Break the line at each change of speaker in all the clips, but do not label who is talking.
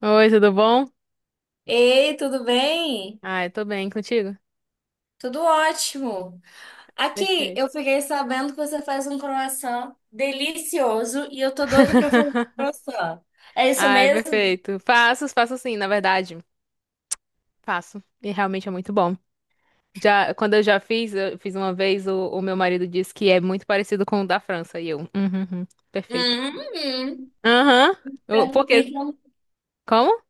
Oi, tudo bom?
Ei, tudo bem?
Ai, tô bem contigo?
Tudo ótimo. Aqui,
Perfeito.
eu fiquei sabendo que você faz um croissant delicioso e eu tô doido pra fazer um croissant. É isso
Ai,
mesmo?
perfeito. Faço, faço sim, na verdade. Faço. E realmente é muito bom. Já, quando eu já fiz, eu fiz uma vez, o meu marido disse que é muito parecido com o da França. E eu, uhum, uhum, perfeito.
Hum,
Aham. Por quê?
então,
Como?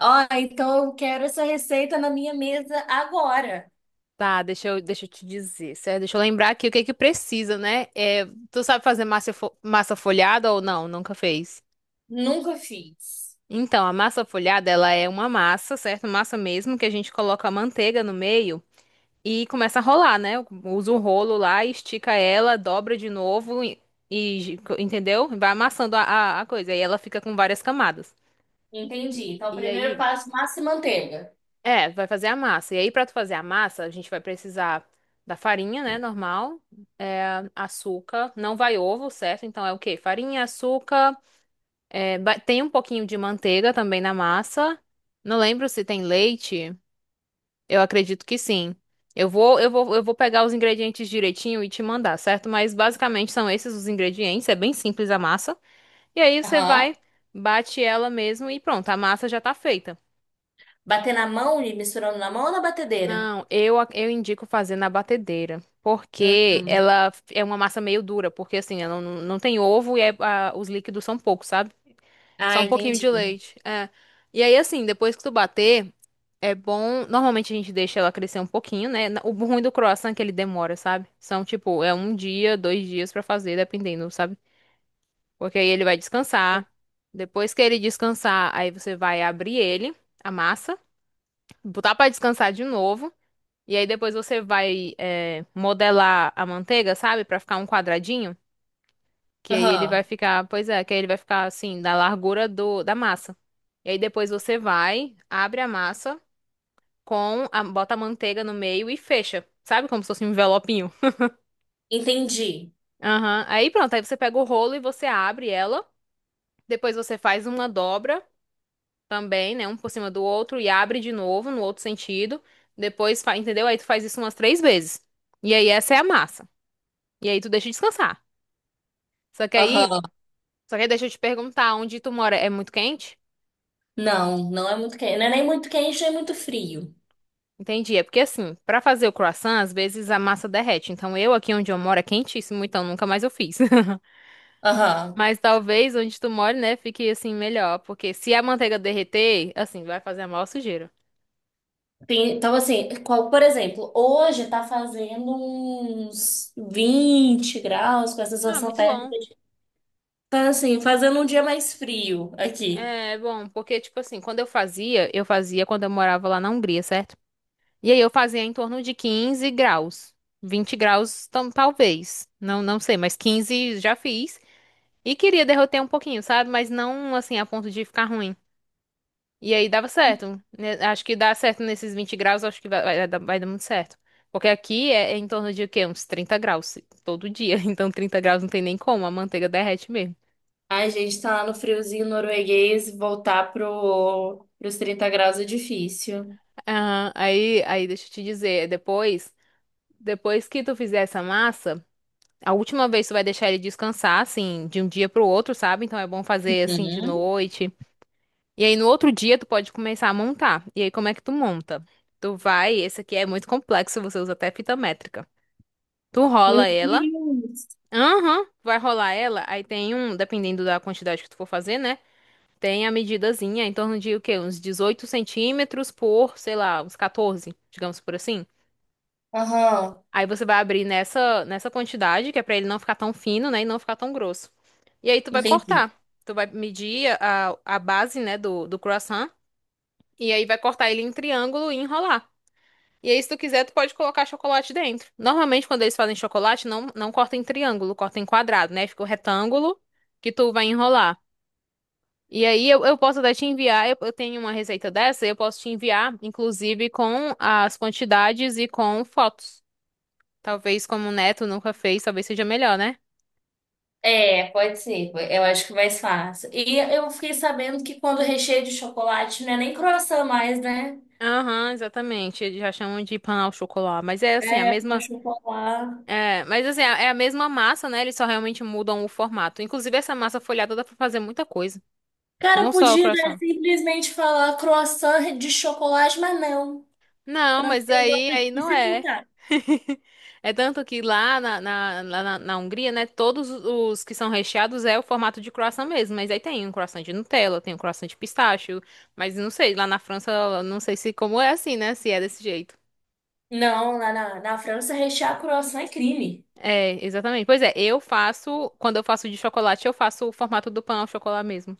ó, então eu quero essa receita na minha mesa agora.
Tá, deixa eu te dizer, certo? Deixa eu lembrar aqui o que é que precisa, né? É, tu sabe fazer massa, massa folhada ou não? Nunca fez?
Nunca fiz.
Então, a massa folhada, ela é uma massa, certo? Massa mesmo, que a gente coloca a manteiga no meio e começa a rolar, né? Usa o rolo lá, estica ela, dobra de novo e entendeu? Vai amassando a coisa. E ela fica com várias camadas.
Entendi. Então, o
E
primeiro
aí,
passo, massa e manteiga.
é, vai fazer a massa. E aí, pra tu fazer a massa, a gente vai precisar da farinha, né? Normal, é, açúcar, não vai ovo, certo? Então é o quê? Farinha, açúcar, é, tem um pouquinho de manteiga também na massa. Não lembro se tem leite. Eu acredito que sim. Eu vou pegar os ingredientes direitinho e te mandar, certo? Mas basicamente são esses os ingredientes, é bem simples a massa. E aí você
Aham.
vai, bate ela mesmo e pronto, a massa já tá feita.
Bater na mão e misturando na mão ou na batedeira?
Não, eu, eu indico fazer na batedeira, porque
Uhum.
ela é uma massa meio dura, porque assim, ela não tem ovo e os líquidos são poucos, sabe? Só
Ah,
um pouquinho de
entendi.
leite. É. E aí, assim, depois que tu bater, é bom. Normalmente a gente deixa ela crescer um pouquinho, né? O ruim do croissant é que ele demora, sabe? São, tipo, é um dia, dois dias pra fazer, dependendo, sabe? Porque aí ele vai descansar. Depois que ele descansar, aí você vai abrir ele, a massa, botar pra descansar de novo. E aí depois você vai, é, modelar a manteiga, sabe? Pra ficar um quadradinho. Que aí ele
Aham.
vai ficar, pois é, que aí ele vai ficar assim, da largura do, da massa. E aí depois você vai, abre a massa com a, bota a manteiga no meio e fecha. Sabe como se fosse um envelopinho?
Entendi.
Aham. Aí pronto, aí você pega o rolo e você abre ela. Depois você faz uma dobra também, né? Um por cima do outro e abre de novo no outro sentido. Depois, entendeu? Aí tu faz isso umas três vezes. E aí essa é a massa. E aí tu deixa descansar. Só que aí,
Aham.
só que aí deixa eu te perguntar, onde tu mora é muito quente?
Não, não é muito quente. Não é nem muito quente, nem muito frio.
Entendi. É porque assim, pra fazer o croissant, às vezes a massa derrete. Então eu aqui onde eu moro é quentíssimo, então nunca mais eu fiz.
Aham.
Mas talvez onde tu mora, né, fique assim melhor, porque se a manteiga derreter, assim, vai fazer a maior sujeira.
Então, assim, por exemplo, hoje tá fazendo uns 20 graus com a
Ah,
sensação
muito
térmica.
bom.
Tá, assim, fazendo um dia mais frio aqui.
É bom, porque tipo assim, quando eu fazia quando eu morava lá na Hungria, certo? E aí eu fazia em torno de 15 graus, 20 graus, talvez. Não, não sei, mas 15 já fiz. E queria derreter um pouquinho, sabe? Mas não assim a ponto de ficar ruim. E aí dava certo, né? Acho que dá certo nesses 20 graus, acho que vai dar muito certo. Porque aqui é em torno de o quê? Uns 30 graus todo dia. Então 30 graus não tem nem como, a manteiga derrete mesmo.
A gente tá lá no friozinho norueguês, voltar pro, pros 30 graus é difícil.
Ah, aí deixa eu te dizer, depois que tu fizer essa massa, a última vez tu vai deixar ele descansar, assim, de um dia pro outro, sabe? Então é bom fazer assim de
Uhum.
noite. E aí no outro dia tu pode começar a montar. E aí como é que tu monta? Tu vai, esse aqui é muito complexo, você usa até fita métrica. Tu
Meu
rola ela.
Deus!
Aham, vai rolar ela. Aí tem um, dependendo da quantidade que tu for fazer, né? Tem a medidazinha em torno de o quê? Uns 18 centímetros por, sei lá, uns 14, digamos por assim.
Aham,
Aí você vai abrir nessa quantidade, que é pra ele não ficar tão fino, né? E não ficar tão grosso. E aí tu vai
entendi.
cortar. Tu vai medir a base, né, do croissant. E aí vai cortar ele em triângulo e enrolar. E aí, se tu quiser, tu pode colocar chocolate dentro. Normalmente, quando eles fazem chocolate, não corta em triângulo, corta em quadrado, né? Fica o retângulo que tu vai enrolar. E aí, eu posso até te enviar, eu tenho uma receita dessa, eu posso te enviar, inclusive, com as quantidades e com fotos. Talvez, como o Neto nunca fez, talvez seja melhor, né?
É, pode ser. Eu acho que mais fácil. E eu fiquei sabendo que quando recheio de chocolate não é nem croissant mais, né?
Aham, exatamente. Eles já chamam de pão ao chocolate. Mas é assim, a
É, com
mesma.
chocolate.
É, mas assim, é a mesma massa, né? Eles só realmente mudam o formato. Inclusive, essa massa folhada dá pra fazer muita coisa.
Cara,
Não só o
podia, né,
croissant.
simplesmente falar croissant de chocolate, mas não.
Não, mas
Francês
aí,
gosta de
aí não é.
dificultar.
É tanto que lá na Hungria, né, todos os que são recheados é o formato de croissant mesmo. Mas aí tem um croissant de Nutella, tem um croissant de pistache, mas não sei, lá na França, eu não sei se como é assim, né, se é desse jeito.
Não, lá na, na França rechear croissant é crime.
É, exatamente. Pois é, eu faço, quando eu faço de chocolate, eu faço o formato do pão ao chocolate mesmo.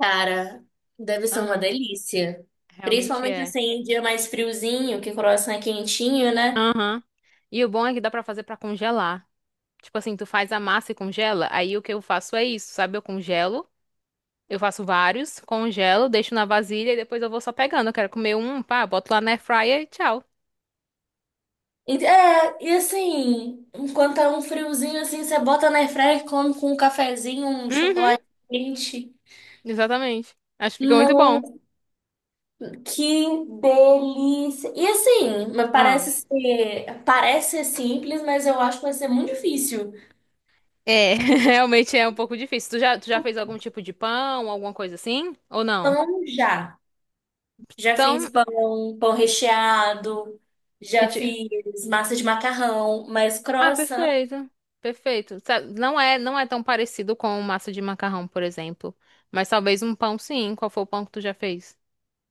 Cara, deve ser uma
Aham,
delícia.
realmente
Principalmente
é.
assim, em dia mais friozinho, que croissant é quentinho, né?
Aham. E o bom é que dá pra fazer pra congelar. Tipo assim, tu faz a massa e congela, aí o que eu faço é isso, sabe? Eu congelo. Eu faço vários, congelo, deixo na vasilha e depois eu vou só pegando. Eu quero comer um, pá, boto lá na air fryer e tchau.
É, e assim, enquanto tá um friozinho assim, você bota na airfryer e come com um cafezinho, um
Uhum,
chocolate quente.
exatamente. Acho que fica muito
Não,
bom.
que delícia! E assim, mas
Ah,
parece ser simples, mas eu acho que vai ser muito difícil.
é, realmente é um pouco difícil. Tu já fez algum tipo de pão, alguma coisa assim? Ou não?
Pão já. Já fiz
Então,
pão, pão recheado,
que
já
ti...
fiz massa de macarrão, mas
Ah,
croissant,
perfeito. Perfeito. Sabe, não é tão parecido com massa de macarrão, por exemplo. Mas talvez um pão sim. Qual foi o pão que tu já fez?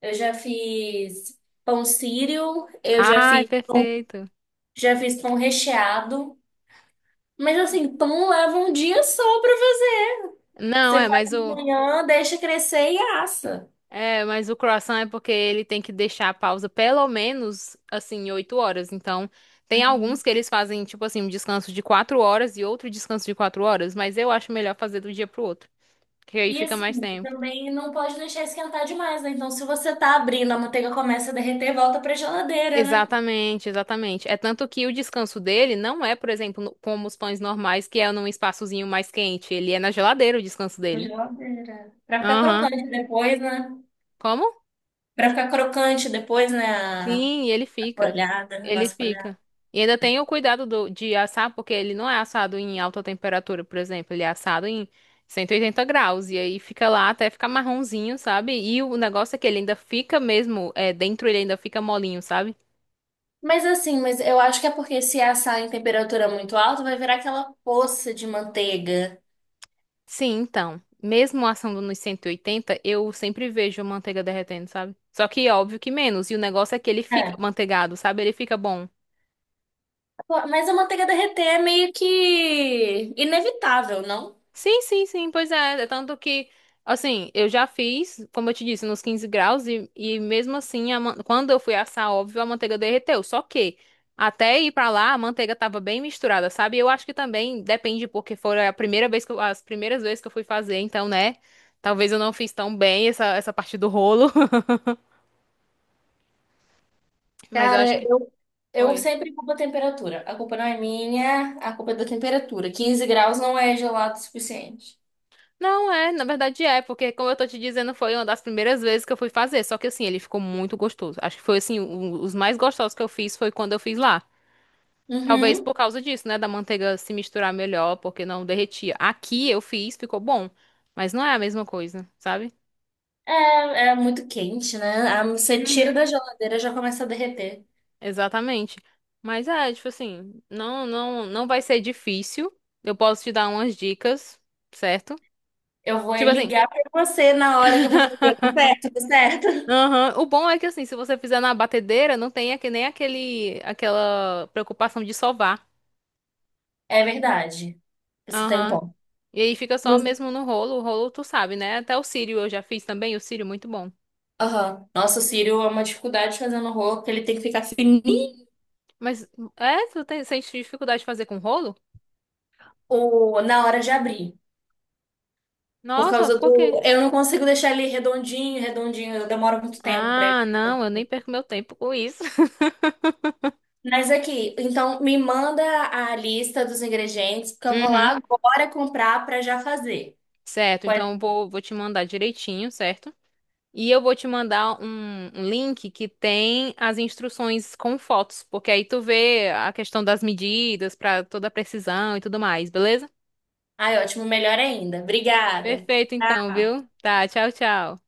eu já fiz pão sírio,
Ai, perfeito.
já fiz pão recheado. Mas assim, pão leva um dia só pra fazer.
Não,
Você
é,
faz
mas
de
o
manhã, deixa crescer e assa.
É, mas o croissant é porque ele tem que deixar a pausa pelo menos, assim, 8 horas. Então, tem alguns
Uhum.
que eles fazem, tipo assim, um descanso de 4 horas e outro descanso de 4 horas, mas eu acho melhor fazer do dia pro outro, que aí
E
fica
assim,
mais tempo.
também não pode deixar esquentar demais, né? Então, se você tá abrindo, a manteiga começa a derreter, volta pra geladeira, né?
Exatamente, exatamente. É tanto que o descanso dele não é, por exemplo, como os pães normais, que é num espaçozinho mais quente. Ele é na geladeira o descanso
Na
dele.
geladeira. Pra ficar
Aham.
crocante depois, né?
Como?
Pra ficar crocante depois, né? A
Sim, e ele fica.
folhada, a
Ele
nossa folhada.
fica. E ainda tem o cuidado do, de assar, porque ele não é assado em alta temperatura, por exemplo. Ele é assado em 180 graus. E aí fica lá até ficar marronzinho, sabe? E o negócio é que ele ainda fica mesmo, é, dentro ele ainda fica molinho, sabe?
Mas assim, mas eu acho que é porque se assar em temperatura muito alta, vai virar aquela poça de manteiga.
Sim, então. Mesmo assando nos 180 eu sempre vejo a manteiga derretendo, sabe? Só que óbvio que menos. E o negócio é que ele fica manteigado, sabe? Ele fica bom.
Mas a manteiga derreter é meio que inevitável, não?
Sim, sim, sim, pois é. É tanto que, assim, eu já fiz, como eu te disse, nos 15 graus, e mesmo assim, a quando eu fui assar, óbvio, a manteiga derreteu. Só que, até ir pra lá, a manteiga tava bem misturada, sabe? Eu acho que também depende, porque foi a primeira vez as primeiras vezes que eu fui fazer, então, né? Talvez eu não fiz tão bem essa parte do rolo, mas eu acho
Cara,
que.
eu
Oi.
sempre culpo a temperatura. A culpa não é minha, a culpa é da temperatura. 15 graus não é gelado o suficiente.
Não é, na verdade é, porque como eu tô te dizendo, foi uma das primeiras vezes que eu fui fazer, só que assim, ele ficou muito gostoso. Acho que foi assim, os mais gostosos que eu fiz foi quando eu fiz lá. Talvez por
Uhum.
causa disso, né, da manteiga se misturar melhor, porque não derretia. Aqui eu fiz, ficou bom, mas não é a mesma coisa, sabe?
É, é muito quente, né? Ah, você tira
Uhum.
da geladeira já começa a derreter.
Exatamente. Mas é, tipo assim, não, não, não vai ser difícil. Eu posso te dar umas dicas, certo?
Eu vou é
Tipo assim.
ligar pra você na hora que eu for fazer. Tá certo, tá certo.
Aham. O bom é que assim, se você fizer na batedeira, não tem nem aquele aquela preocupação de sovar.
É verdade. Você tem um
Aham.
ponto.
E aí fica só mesmo no rolo. O rolo tu sabe, né? Até o cílio eu já fiz também, o cílio muito bom.
Aham. Nossa, o cílio é uma dificuldade fazendo rolo, porque ele tem que ficar fininho
Mas é, tu tem, sente dificuldade de fazer com rolo?
ou na hora de abrir. Por
Nossa,
causa
por quê?
do. Eu não consigo deixar ele redondinho, redondinho, eu demoro muito tempo pra ele.
Ah, não, eu nem perco meu tempo com isso.
Mas aqui, então me manda a lista dos ingredientes, porque eu vou
Uhum.
lá agora comprar pra já fazer.
Certo,
Pode...
então vou te mandar direitinho, certo? E eu vou te mandar um link que tem as instruções com fotos, porque aí tu vê a questão das medidas para toda a precisão e tudo mais, beleza?
Ai, ótimo, melhor ainda. Obrigada.
Perfeito então,
Tá.
viu? Tá, tchau, tchau.